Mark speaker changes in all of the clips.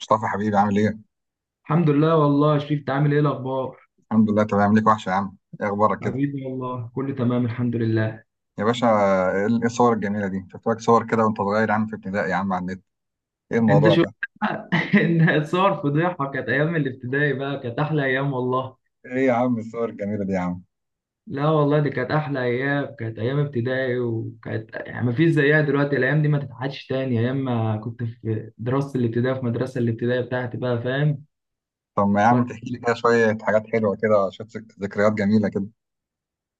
Speaker 1: مصطفى حبيبي عامل ايه؟
Speaker 2: الحمد لله، والله شريف عامل ايه الاخبار؟
Speaker 1: الحمد لله تمام ليك وحشة يا عم، ايه اخبارك كده؟
Speaker 2: حبيبي والله كله تمام الحمد لله.
Speaker 1: يا باشا. إيه الصور الجميلة دي؟ شفت لك صور كده وانت صغير يا عم في ابتدائي يا عم على النت، ايه
Speaker 2: انت
Speaker 1: الموضوع
Speaker 2: شو؟
Speaker 1: ده؟
Speaker 2: ان صور فضيحه، كانت ايام الابتدائي بقى، كانت احلى ايام والله.
Speaker 1: ايه يا عم الصور الجميلة دي يا عم؟
Speaker 2: لا والله دي كانت احلى ايام، كانت ايام ابتدائي، وكانت يعني ما فيش زيها دلوقتي، الايام دي ما تتعادش تاني، ايام ما كنت في دراسه الابتدائي في مدرسه الابتدائي بتاعتي، بقى فاهم.
Speaker 1: طب ما يا عم تحكي لي كده شوية حاجات حلوة كده شوية ذكريات جميلة كده.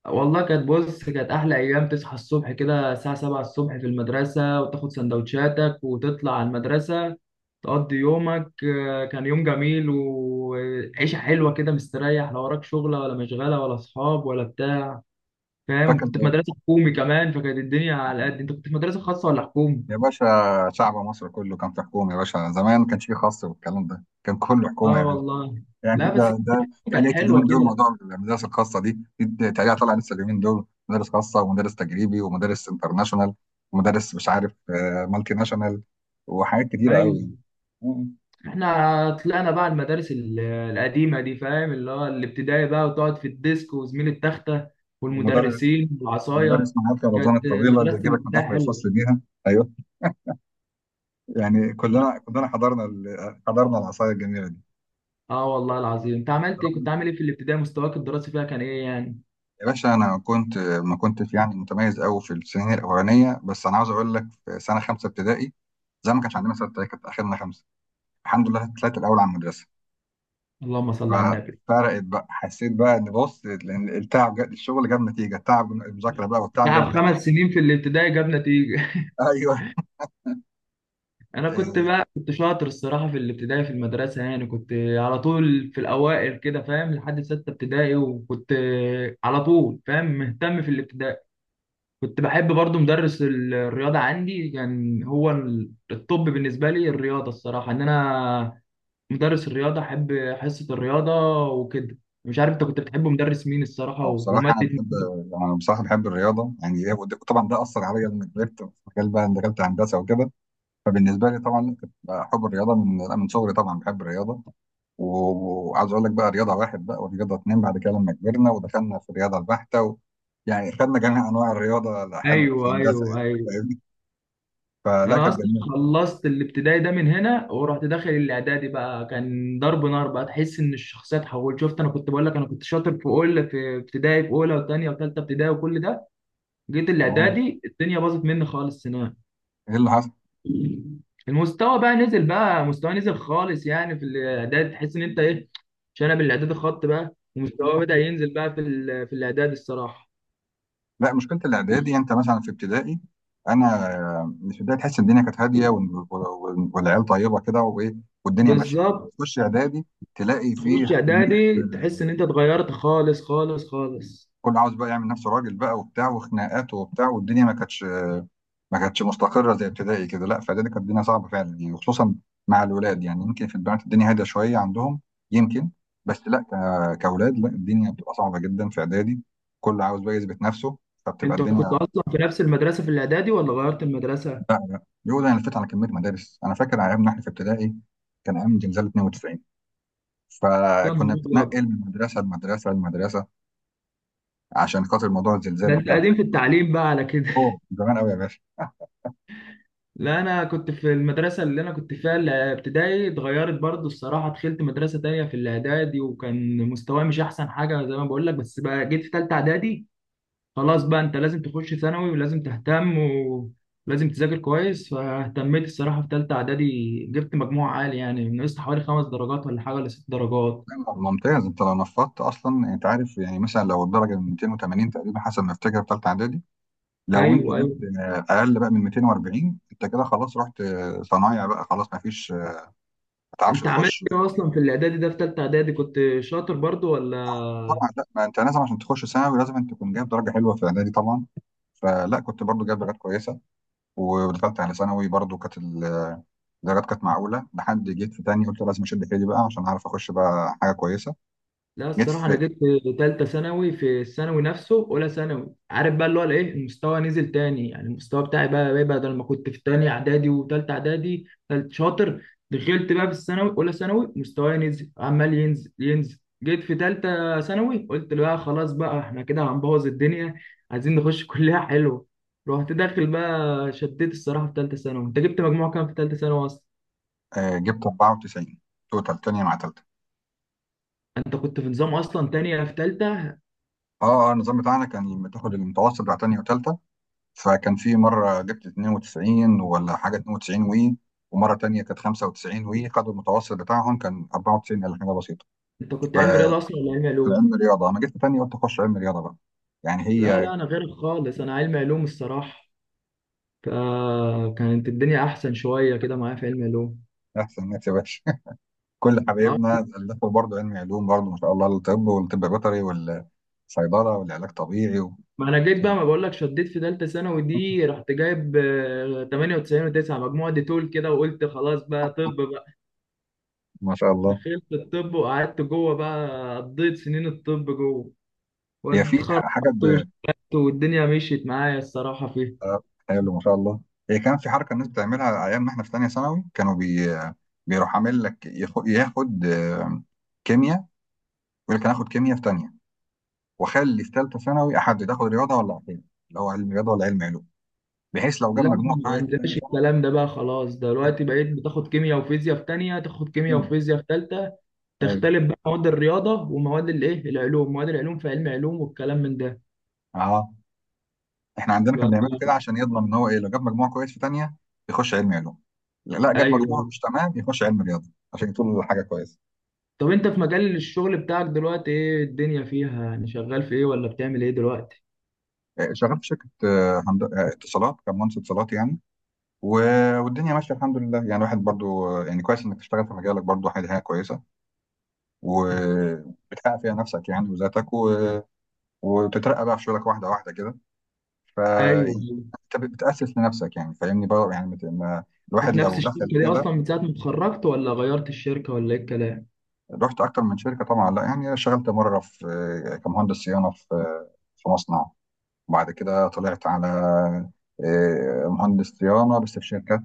Speaker 2: والله كانت، بص، كانت أحلى أيام، تصحى الصبح كده الساعة 7 الصبح في المدرسة، وتاخد سندوتشاتك وتطلع على المدرسة، تقضي يومك، كان يوم جميل وعيشة حلوة كده، مستريح، لا وراك شغلة ولا مشغلة ولا أصحاب ولا بتاع، فاهم،
Speaker 1: فاكر.
Speaker 2: كنت في مدرسة حكومي كمان، فكانت الدنيا على قد. أنت كنت في مدرسة خاصة ولا حكومي؟
Speaker 1: يا باشا، شعب مصر كله كان في حكومة يا باشا، زمان ما كانش فيه خاص والكلام ده، كان كله حكومة
Speaker 2: آه
Speaker 1: يا باشا.
Speaker 2: والله.
Speaker 1: يعني
Speaker 2: لا بس
Speaker 1: ده
Speaker 2: كانت
Speaker 1: تقليد
Speaker 2: حلوة
Speaker 1: اليومين دول،
Speaker 2: كده.
Speaker 1: موضوع المدارس الخاصه دي تقليد طالع لسه اليومين دول، مدرس خاصه ومدرس تجريبي ومدرس انترناشونال ومدرس مش عارف مالتي ناشونال، وحاجات كتيره قوي يعني.
Speaker 2: أيوه،
Speaker 1: مم.
Speaker 2: احنا طلعنا بقى المدارس القديمة دي، فاهم، اللي هو الابتدائي بقى، وتقعد في الديسك وزميل التختة
Speaker 1: ومدرس
Speaker 2: والمدرسين
Speaker 1: ومدرس
Speaker 2: والعصاية.
Speaker 1: معاك الرزانه
Speaker 2: كانت
Speaker 1: الطويله اللي
Speaker 2: مدرسة
Speaker 1: يجيبك من
Speaker 2: الابتدائي
Speaker 1: اخر
Speaker 2: حلوة.
Speaker 1: الفصل بيها. ايوه، يعني كلنا حضرنا العصايه الجميله دي.
Speaker 2: اه والله العظيم، انت عملت ايه؟ كنت عامل ايه في الابتدائي؟ مستواك الدراسي فيها كان ايه يعني؟
Speaker 1: يا باشا، انا كنت ما كنتش يعني متميز قوي في السنين الاولانيه، بس انا عاوز اقول لك في سنه خمسه ابتدائي، زي ما كانش عندنا سته كانت اخرنا خمسه، الحمد لله طلعت الاول على المدرسه.
Speaker 2: اللهم صل على النبي.
Speaker 1: ففرقت بقى، حسيت بقى ان، بص، لان التعب الشغل جاب نتيجه، التعب المذاكره بقى والتعب جابت
Speaker 2: تعب
Speaker 1: نتيجه.
Speaker 2: 5 سنين في الابتدائي جاب نتيجة.
Speaker 1: ايوه.
Speaker 2: انا كنت
Speaker 1: إيه،
Speaker 2: بقى كنت شاطر الصراحة في الابتدائي في المدرسة، يعني كنت على طول في الاوائل كده، فاهم، لحد ستة ابتدائي، وكنت على طول فاهم، مهتم في الابتدائي. كنت بحب برضو مدرس الرياضة، عندي كان هو الطب بالنسبة لي الرياضة، الصراحة إن أنا مدرس الرياضة أحب، حصة الرياضة وكده. مش عارف أنت كنت بتحب مدرس مين الصراحة،
Speaker 1: اه بصراحه
Speaker 2: ومادة
Speaker 1: انا
Speaker 2: مين؟
Speaker 1: بحب انا بصراحه بحب الرياضه، طبعا ده اثر عليا لما كبرت في مجال بقى، إن دخلت هندسه وكده. فبالنسبه لي طبعا كنت حب الرياضه من لا، من صغري، طبعا بحب الرياضه. وعاوز اقول لك بقى، رياضه واحد بقى ورياضه اتنين، بعد كده لما كبرنا ودخلنا في الرياضه البحته و... يعني خدنا جميع انواع الرياضه لحد
Speaker 2: أيوه
Speaker 1: هندسه
Speaker 2: أيوه
Speaker 1: يعني،
Speaker 2: أيوه.
Speaker 1: فاهمني؟ فلا،
Speaker 2: أنا
Speaker 1: كانت
Speaker 2: أصلا
Speaker 1: جميله.
Speaker 2: خلصت الابتدائي ده من هنا، ورحت داخل الإعدادي بقى، كان ضرب نار بقى، تحس إن الشخصية اتحولت. شفت، أنا كنت بقول لك، أنا كنت شاطر في أول، في ابتدائي، في أولى وتانية وتالتة ابتدائي وكل ده. جيت
Speaker 1: أهو.
Speaker 2: الإعدادي، الدنيا باظت مني خالص هناك.
Speaker 1: ايه اللي حصل؟
Speaker 2: المستوى بقى نزل، مستوى نزل خالص، يعني في الاعداد تحس ان انت ايه، شنب الاعداد، الخط بقى ومستواه بدأ ينزل بقى، في في الاعداد الصراحه.
Speaker 1: لا، مشكله الاعدادي، يعني انت مثلا في ابتدائي، انا مش ابتدائي، تحس الدنيا كانت هاديه والعيال طيبه كده وايه، والدنيا ماشيه.
Speaker 2: بالظبط.
Speaker 1: تخش اعدادي تلاقي
Speaker 2: تخش
Speaker 1: فيه كميه،
Speaker 2: اعدادي، تحس ان انت اتغيرت خالص خالص خالص.
Speaker 1: كل عاوز بقى يعمل نفسه راجل بقى وبتاع وخناقات وبتاع، والدنيا ما كانتش مستقره زي ابتدائي كده. لا، في اعدادي كانت الدنيا صعبه فعلا يعني، وخصوصا مع الولاد، يعني يمكن في البنات الدنيا هاديه شويه عندهم يمكن، بس لا كاولاد لا، الدنيا بتبقى صعبه جدا في اعدادي، كل عاوز بقى يثبت نفسه، فبتبقى
Speaker 2: انت كنت
Speaker 1: الدنيا.
Speaker 2: اصلا في نفس المدرسه في الاعدادي، ولا غيرت المدرسه؟
Speaker 1: لا لا، يقول انا لفيت على كميه مدارس. انا فاكر ايامنا احنا في ابتدائي كان ايام زلزال 92،
Speaker 2: يا نهار
Speaker 1: فكنا
Speaker 2: ابيض،
Speaker 1: بنتنقل من مدرسه لمدرسه لمدرسه عشان خاطر موضوع الزلزال
Speaker 2: ده انت
Speaker 1: والكلام.
Speaker 2: قديم في التعليم بقى على كده.
Speaker 1: اوه، زمان قوي يا باشا.
Speaker 2: لا، انا كنت في المدرسه اللي انا كنت فيها الابتدائي، اتغيرت برضو الصراحه، دخلت مدرسه تانية في الاعدادي، وكان مستواي مش احسن حاجه، زي ما بقول لك، بس بقى جيت في ثالثه اعدادي، خلاص بقى، انت لازم تخش ثانوي ولازم تهتم ولازم تذاكر كويس، فاهتميت الصراحه في ثالثه اعدادي، جبت مجموع عالي، يعني نقصت حوالي 5 درجات ولا حاجه، ولا 6 درجات.
Speaker 1: لا، ممتاز، انت لو نفضت اصلا انت عارف يعني، مثلا لو الدرجه من 280 تقريبا حسب ما افتكر في ثالثه اعدادي، لو انت
Speaker 2: ايوه
Speaker 1: جبت
Speaker 2: ايوه،
Speaker 1: اقل بقى من 240 انت كده خلاص رحت صنايع بقى، خلاص ما فيش ما تعرفش
Speaker 2: انت عملت
Speaker 1: تخش.
Speaker 2: ايه اصلا في الاعدادي ده؟ في ثالثه اعدادي كنت شاطر برضو ولا؟
Speaker 1: طبعا لا، ما انت لازم عشان تخش ثانوي لازم انت تكون جايب درجه حلوه في اعدادي طبعا، فلا كنت برضو جايب درجات كويسه، ودخلت على ثانوي برضو كانت الدرجات كانت معقوله، لحد جيت في تاني قلت لازم اشد حيلي بقى عشان اعرف اخش بقى حاجه كويسه.
Speaker 2: لا
Speaker 1: جيت
Speaker 2: الصراحة أنا
Speaker 1: في
Speaker 2: جيت في تالتة ثانوي، في الثانوي نفسه، أولى ثانوي، عارف بقى اللي هو الإيه، المستوى نزل تاني، يعني المستوى بتاعي بقى بدل ما كنت في تاني إعدادي وتالتة إعدادي تالت شاطر، دخلت بقى في الثانوي أولى ثانوي، مستواي نزل، عمال ينزل ينزل، جيت في تالتة ثانوي، قلت بقى خلاص بقى، إحنا كده هنبوظ الدنيا، عايزين نخش كلية حلوة، رحت داخل بقى، شديت الصراحة في تالتة ثانوي. أنت جبت مجموع كام في تالتة ثانوي أصلا؟
Speaker 1: جبت 94 توتال، تانية مع تالتة.
Speaker 2: أنت كنت في نظام أصلا، تانية في تالتة؟
Speaker 1: اه النظام بتاعنا كان بتاخد المتوسط بتاع تانية وتالتة، فكان في مره جبت 92 ولا حاجه، 92 وي، ومره تانية كانت 95 وي، خدوا المتوسط بتاعهم كان 94 ولا حاجه بسيطه.
Speaker 2: أنت كنت علم
Speaker 1: فكان
Speaker 2: رياضة أصلا ولا علم علوم؟
Speaker 1: علم رياضه، انا جيت في تانية قلت اخش علم رياضه بقى، يعني
Speaker 2: لا
Speaker 1: هي.
Speaker 2: لا، انا غيرك خالص، انا علمي علوم الصراحه، فكانت الدنيا احسن شويه كده معايا في علمي علوم.
Speaker 1: احسن ناس يا باشا، كل
Speaker 2: اه.
Speaker 1: حبايبنا ألفوا برضه علم علوم برضه، ما شاء الله، الطب والطب بيطري والصيدلة والعلاج طبيعي و...
Speaker 2: ما انا جيت بقى، ما بقول لك، شديت في ثالثه ثانوي دي، رحت جايب 98 و9 مجموعه دي طول كده، وقلت خلاص بقى طب بقى.
Speaker 1: ما شاء الله.
Speaker 2: دخلت الطب، وقعدت جوه بقى، قضيت سنين الطب جوه،
Speaker 1: هي في
Speaker 2: واتخرجت،
Speaker 1: حاجة ب...
Speaker 2: واشتغلت، والدنيا مشيت معايا الصراحه فيها.
Speaker 1: آه، حلو ما شاء الله. هي كان في حركة الناس بتعملها أيام ما إحنا في تانية ثانوي، كانوا بي... بيروح عامل لك ياخد, ياخد كيمياء، يقول لك أنا هاخد كيمياء في تانية، وأخلي في تالتة ثانوي أحدد آخد رياضة ولا عقيدة، اللي هو علم رياضة ولا علم علوم، بحيث لو جاب
Speaker 2: لا، احنا
Speaker 1: مجموع
Speaker 2: ما
Speaker 1: كويس في تانية
Speaker 2: عندناش
Speaker 1: ثانوي.
Speaker 2: الكلام ده بقى، خلاص دلوقتي بقيت بتاخد كيمياء وفيزياء في تانية، تاخد كيمياء
Speaker 1: كله.
Speaker 2: وفيزياء في تالتة،
Speaker 1: أيوه.
Speaker 2: تختلف بقى مواد الرياضه ومواد الايه، العلوم، مواد العلوم في علم علوم والكلام من ده.
Speaker 1: أه، احنا عندنا كان بيعملوا كده
Speaker 2: ف...
Speaker 1: عشان يضمن ان هو ايه، لو جاب مجموع كويس في تانية يخش علم علوم، لا لا، جاب
Speaker 2: ايوه.
Speaker 1: مجموع مش تمام يخش علم رياضه، عشان يطول حاجه كويسه.
Speaker 2: طب انت في مجال الشغل بتاعك دلوقتي، ايه الدنيا فيها؟ يعني شغال في ايه، ولا بتعمل ايه دلوقتي؟
Speaker 1: شغال في شركه اتصالات، كان مهندس اتصالات يعني، والدنيا ماشيه الحمد لله، يعني واحد برضو يعني كويس انك تشتغل في مجالك برضو، حاجه حاجة كويسه، وبتحقق فيها نفسك يعني وذاتك وتترقى بقى في شغلك واحده واحده كده. ف
Speaker 2: ايوه.
Speaker 1: يعني انت بتاسس لنفسك يعني، فاهمني بقى يعني
Speaker 2: في
Speaker 1: الواحد
Speaker 2: نفس
Speaker 1: لو
Speaker 2: الشركه
Speaker 1: دخل
Speaker 2: دي
Speaker 1: كده.
Speaker 2: اصلا من ساعه ما اتخرجت، ولا غيرت الشركه، ولا ايه الكلام؟
Speaker 1: رحت اكتر من شركه طبعا، لا يعني اشتغلت مره في كمهندس صيانه في في مصنع، وبعد كده طلعت على مهندس صيانه بس في شركات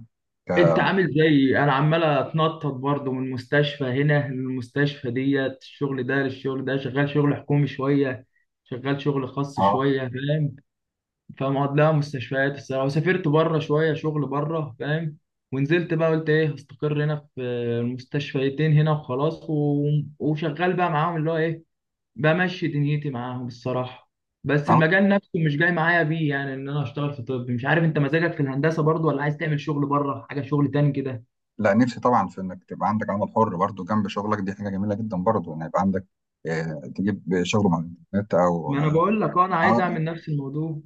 Speaker 2: انت
Speaker 1: ك-
Speaker 2: عامل زي انا، عمال اتنطط برضه من مستشفى هنا للمستشفى ديت، الشغل ده للشغل ده، شغال شغل حكومي شويه، شغال شغل خاص
Speaker 1: اه.
Speaker 2: شويه، فاهم، فاهم قصدي؟ لا مستشفيات الصراحه، وسافرت بره شويه شغل بره، فاهم، ونزلت بقى قلت ايه، هستقر هنا في المستشفيتين هنا وخلاص، وشغال بقى معاهم، اللي هو ايه، بمشي دنيتي معاهم الصراحه. بس
Speaker 1: اه،
Speaker 2: المجال نفسه مش جاي معايا بيه، يعني ان انا اشتغل في طب. مش عارف انت، مزاجك في الهندسه برضو، ولا عايز تعمل شغل بره، حاجه شغل تاني كده؟
Speaker 1: لا نفسي طبعا في انك تبقى عندك عمل حر برضو جنب شغلك، دي حاجه جميله جدا برضو ان يبقى عندك تجيب شغل من الانترنت او
Speaker 2: ما انا
Speaker 1: اه
Speaker 2: بقول لك انا عايز
Speaker 1: آه،
Speaker 2: اعمل نفس الموضوع.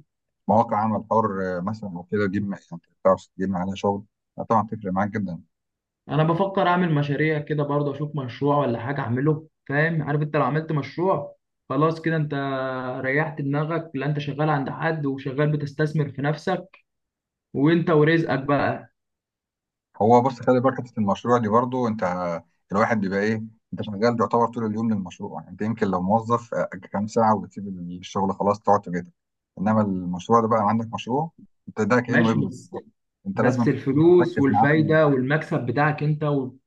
Speaker 1: مواقع عمل حر مثلا او كده، تجيب يعني تعرف تجيب عليها شغل. طبعا تفرق معاك جدا.
Speaker 2: انا بفكر اعمل مشاريع كده برضو، اشوف مشروع ولا حاجه اعمله، فاهم، عارف انت لو عملت مشروع، خلاص كده انت ريحت دماغك. لا انت شغال عند حد، وشغال بتستثمر في نفسك وانت ورزقك بقى.
Speaker 1: هو بص، خلي بالك حته المشروع دي برضو، انت الواحد بيبقى ايه، انت شغال يعتبر طول اليوم للمشروع، يعني انت يمكن لو موظف كام ساعه وبتسيب الشغل، خلاص تقعد تجد، انما المشروع ده بقى عندك مشروع، انت ده كانه
Speaker 2: ماشي.
Speaker 1: ابنك
Speaker 2: بس،
Speaker 1: بالظبط، انت لازم تكون
Speaker 2: الفلوس
Speaker 1: مركز معاه طول اليوم.
Speaker 2: والفايدة والمكسب بتاعك انت،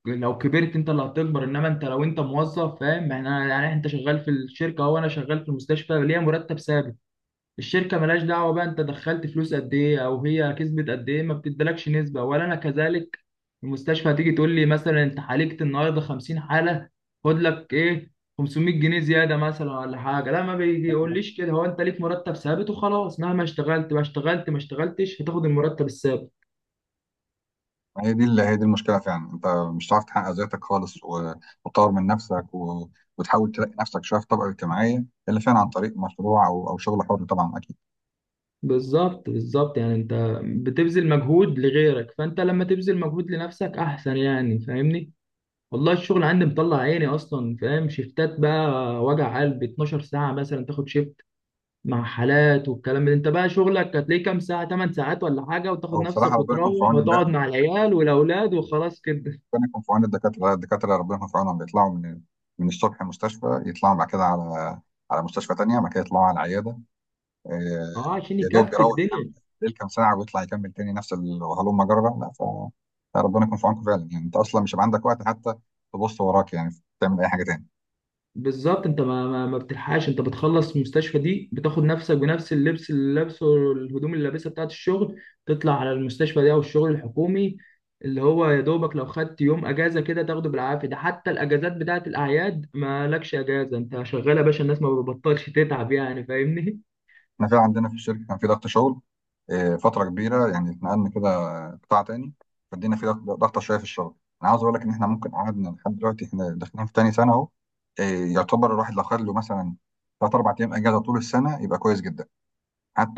Speaker 2: ولو كبرت انت اللي هتكبر. انما انت لو انت موظف، فاهم، يعني يعني انت شغال في الشركة، وانا شغال في المستشفى، ليا مرتب ثابت، الشركه ملهاش دعوه بقى انت دخلت فلوس قد ايه، او هي كسبت قد ايه، ما بتدلكش نسبه، ولا انا كذلك. المستشفى هتيجي تقول لي مثلا انت عالجت النهارده 50 حاله، خد لك ايه، 500 جنيه زياده مثلا ولا حاجه؟ لا، ما بيقوليش كده، هو انت ليك مرتب ثابت وخلاص، مهما اشتغلت ما اشتغلت، ما اشتغلتش هتاخد المرتب الثابت.
Speaker 1: هي دي المشكله فعلا، انت مش هتعرف تحقق ذاتك خالص وتطور من نفسك و... وتحاول تلاقي نفسك شويه في طبقه اجتماعيه، الا فعلا عن طريق مشروع او شغل حر طبعا، اكيد.
Speaker 2: بالظبط بالظبط، يعني انت بتبذل مجهود لغيرك، فانت لما تبذل مجهود لنفسك احسن، يعني فاهمني. والله الشغل عندي مطلع عيني اصلا، فاهم، شيفتات بقى، وجع قلب، 12 ساعه مثلا تاخد شيفت مع حالات والكلام ده. انت بقى شغلك هتلاقيه كام ساعه، 8 ساعات ولا حاجه، وتاخد
Speaker 1: هو بصراحه
Speaker 2: نفسك
Speaker 1: ربنا يكون في
Speaker 2: وتروح وتقعد
Speaker 1: عون،
Speaker 2: مع العيال والاولاد وخلاص كده.
Speaker 1: ربنا يكون في عون الدكاترة، الدكاترة ربنا يكون في عونهم، بيطلعوا من الصبح مستشفى، يطلعوا بعد كده على على مستشفى تانية، بعد كده يطلعوا على العيادة. آه،
Speaker 2: اه، عشان
Speaker 1: يا دوب
Speaker 2: يكفي
Speaker 1: يروح ينام
Speaker 2: الدنيا.
Speaker 1: ليل كام ساعة، ويطلع يكمل تاني نفس الهلوم جرة. لا ف- فربنا يكون في عونكم فعلا، يعني انت اصلا مش هيبقى عندك وقت حتى تبص وراك يعني تعمل اي حاجة تاني.
Speaker 2: بالظبط، انت ما بتلحقش، انت بتخلص المستشفى دي، بتاخد نفسك بنفس اللبس اللي لابسه والهدوم اللي لابسها بتاعت الشغل، تطلع على المستشفى دي او الشغل الحكومي، اللي هو يا دوبك لو خدت يوم اجازه كده تاخده بالعافيه، ده حتى الاجازات بتاعت الاعياد ما لكش اجازه، انت شغال يا باشا، الناس ما بتبطلش تتعب، يعني فاهمني.
Speaker 1: احنا فعلا عندنا في الشركه كان في ضغط شغل فتره كبيره، يعني اتنقلنا كده قطاع تاني، فدينا في ضغط، ضغطه شويه في الشغل. انا عاوز اقول لك ان احنا ممكن قعدنا لحد دلوقتي، احنا داخلين في تاني سنه اهو، يعتبر الواحد لو خد له مثلا ثلاث اربع ايام اجازه طول السنه يبقى كويس جدا،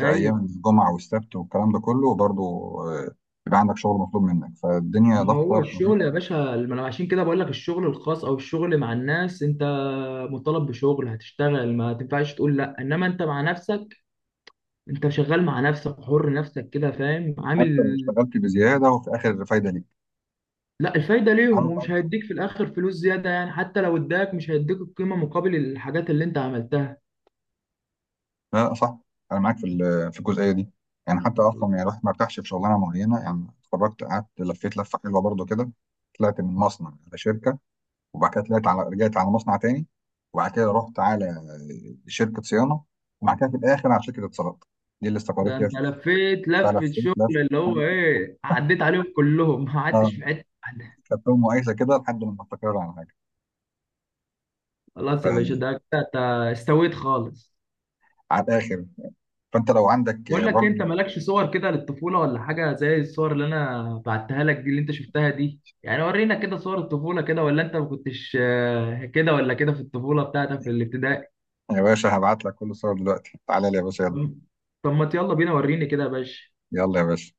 Speaker 2: ايوه.
Speaker 1: ايام الجمعه والسبت والكلام ده كله برضه. آه، يبقى عندك شغل مطلوب منك، فالدنيا
Speaker 2: ما هو
Speaker 1: ضغطه
Speaker 2: الشغل يا
Speaker 1: بطريقة-
Speaker 2: باشا، ما انا عشان كده بقول لك، الشغل الخاص او الشغل مع الناس، انت مطالب بشغل، هتشتغل، ما تنفعش تقول لا. انما انت مع نفسك، انت شغال مع نفسك، حر نفسك كده، فاهم، عامل.
Speaker 1: حتى لو اشتغلت بزياده وفي الاخر فايده
Speaker 2: لا، الفايده ليهم، ومش
Speaker 1: ليك.
Speaker 2: هيديك في الاخر فلوس زياده، يعني حتى لو اداك مش هيديك القيمه مقابل الحاجات اللي انت عملتها.
Speaker 1: لا لا، صح، انا معاك في في الجزئيه دي، يعني حتى اصلا يعني الواحد ما ارتاحش في شغلانه معينه يعني. اتخرجت قعدت لفيت لفه حلوه برضو كده، طلعت من مصنع على شركه، وبعد كده طلعت على، رجعت على مصنع تاني، وبعد كده رحت على شركه صيانه، وبعد كده في الاخر على شركه اتصالات، دي اللي استقريت
Speaker 2: ده
Speaker 1: فيها
Speaker 2: انت
Speaker 1: في الآخر.
Speaker 2: لفيت لفه شغل،
Speaker 1: فلفيت لف،
Speaker 2: اللي هو ايه، عديت عليهم كلهم، ما قعدتش
Speaker 1: اه،
Speaker 2: في حته واحده.
Speaker 1: خدتهم مقايسه كده لحد ما استقر على حاجه،
Speaker 2: خلاص يا باشا، ده كده انت استويت خالص.
Speaker 1: على الاخر. فانت لو عندك
Speaker 2: بقول لك
Speaker 1: برضو.
Speaker 2: انت مالكش صور كده للطفوله ولا حاجه زي الصور اللي انا بعتها لك دي اللي انت شفتها دي؟ يعني ورينا كده صور الطفوله كده، ولا انت ما كنتش كده ولا كده في الطفوله بتاعتك في الابتدائي؟
Speaker 1: يا باشا هبعت لك كل الصور دلوقتي، تعالى لي يا باشا، يلا.
Speaker 2: طب ما يلا بينا، وريني كده يا باشا.
Speaker 1: يلا يا باشا.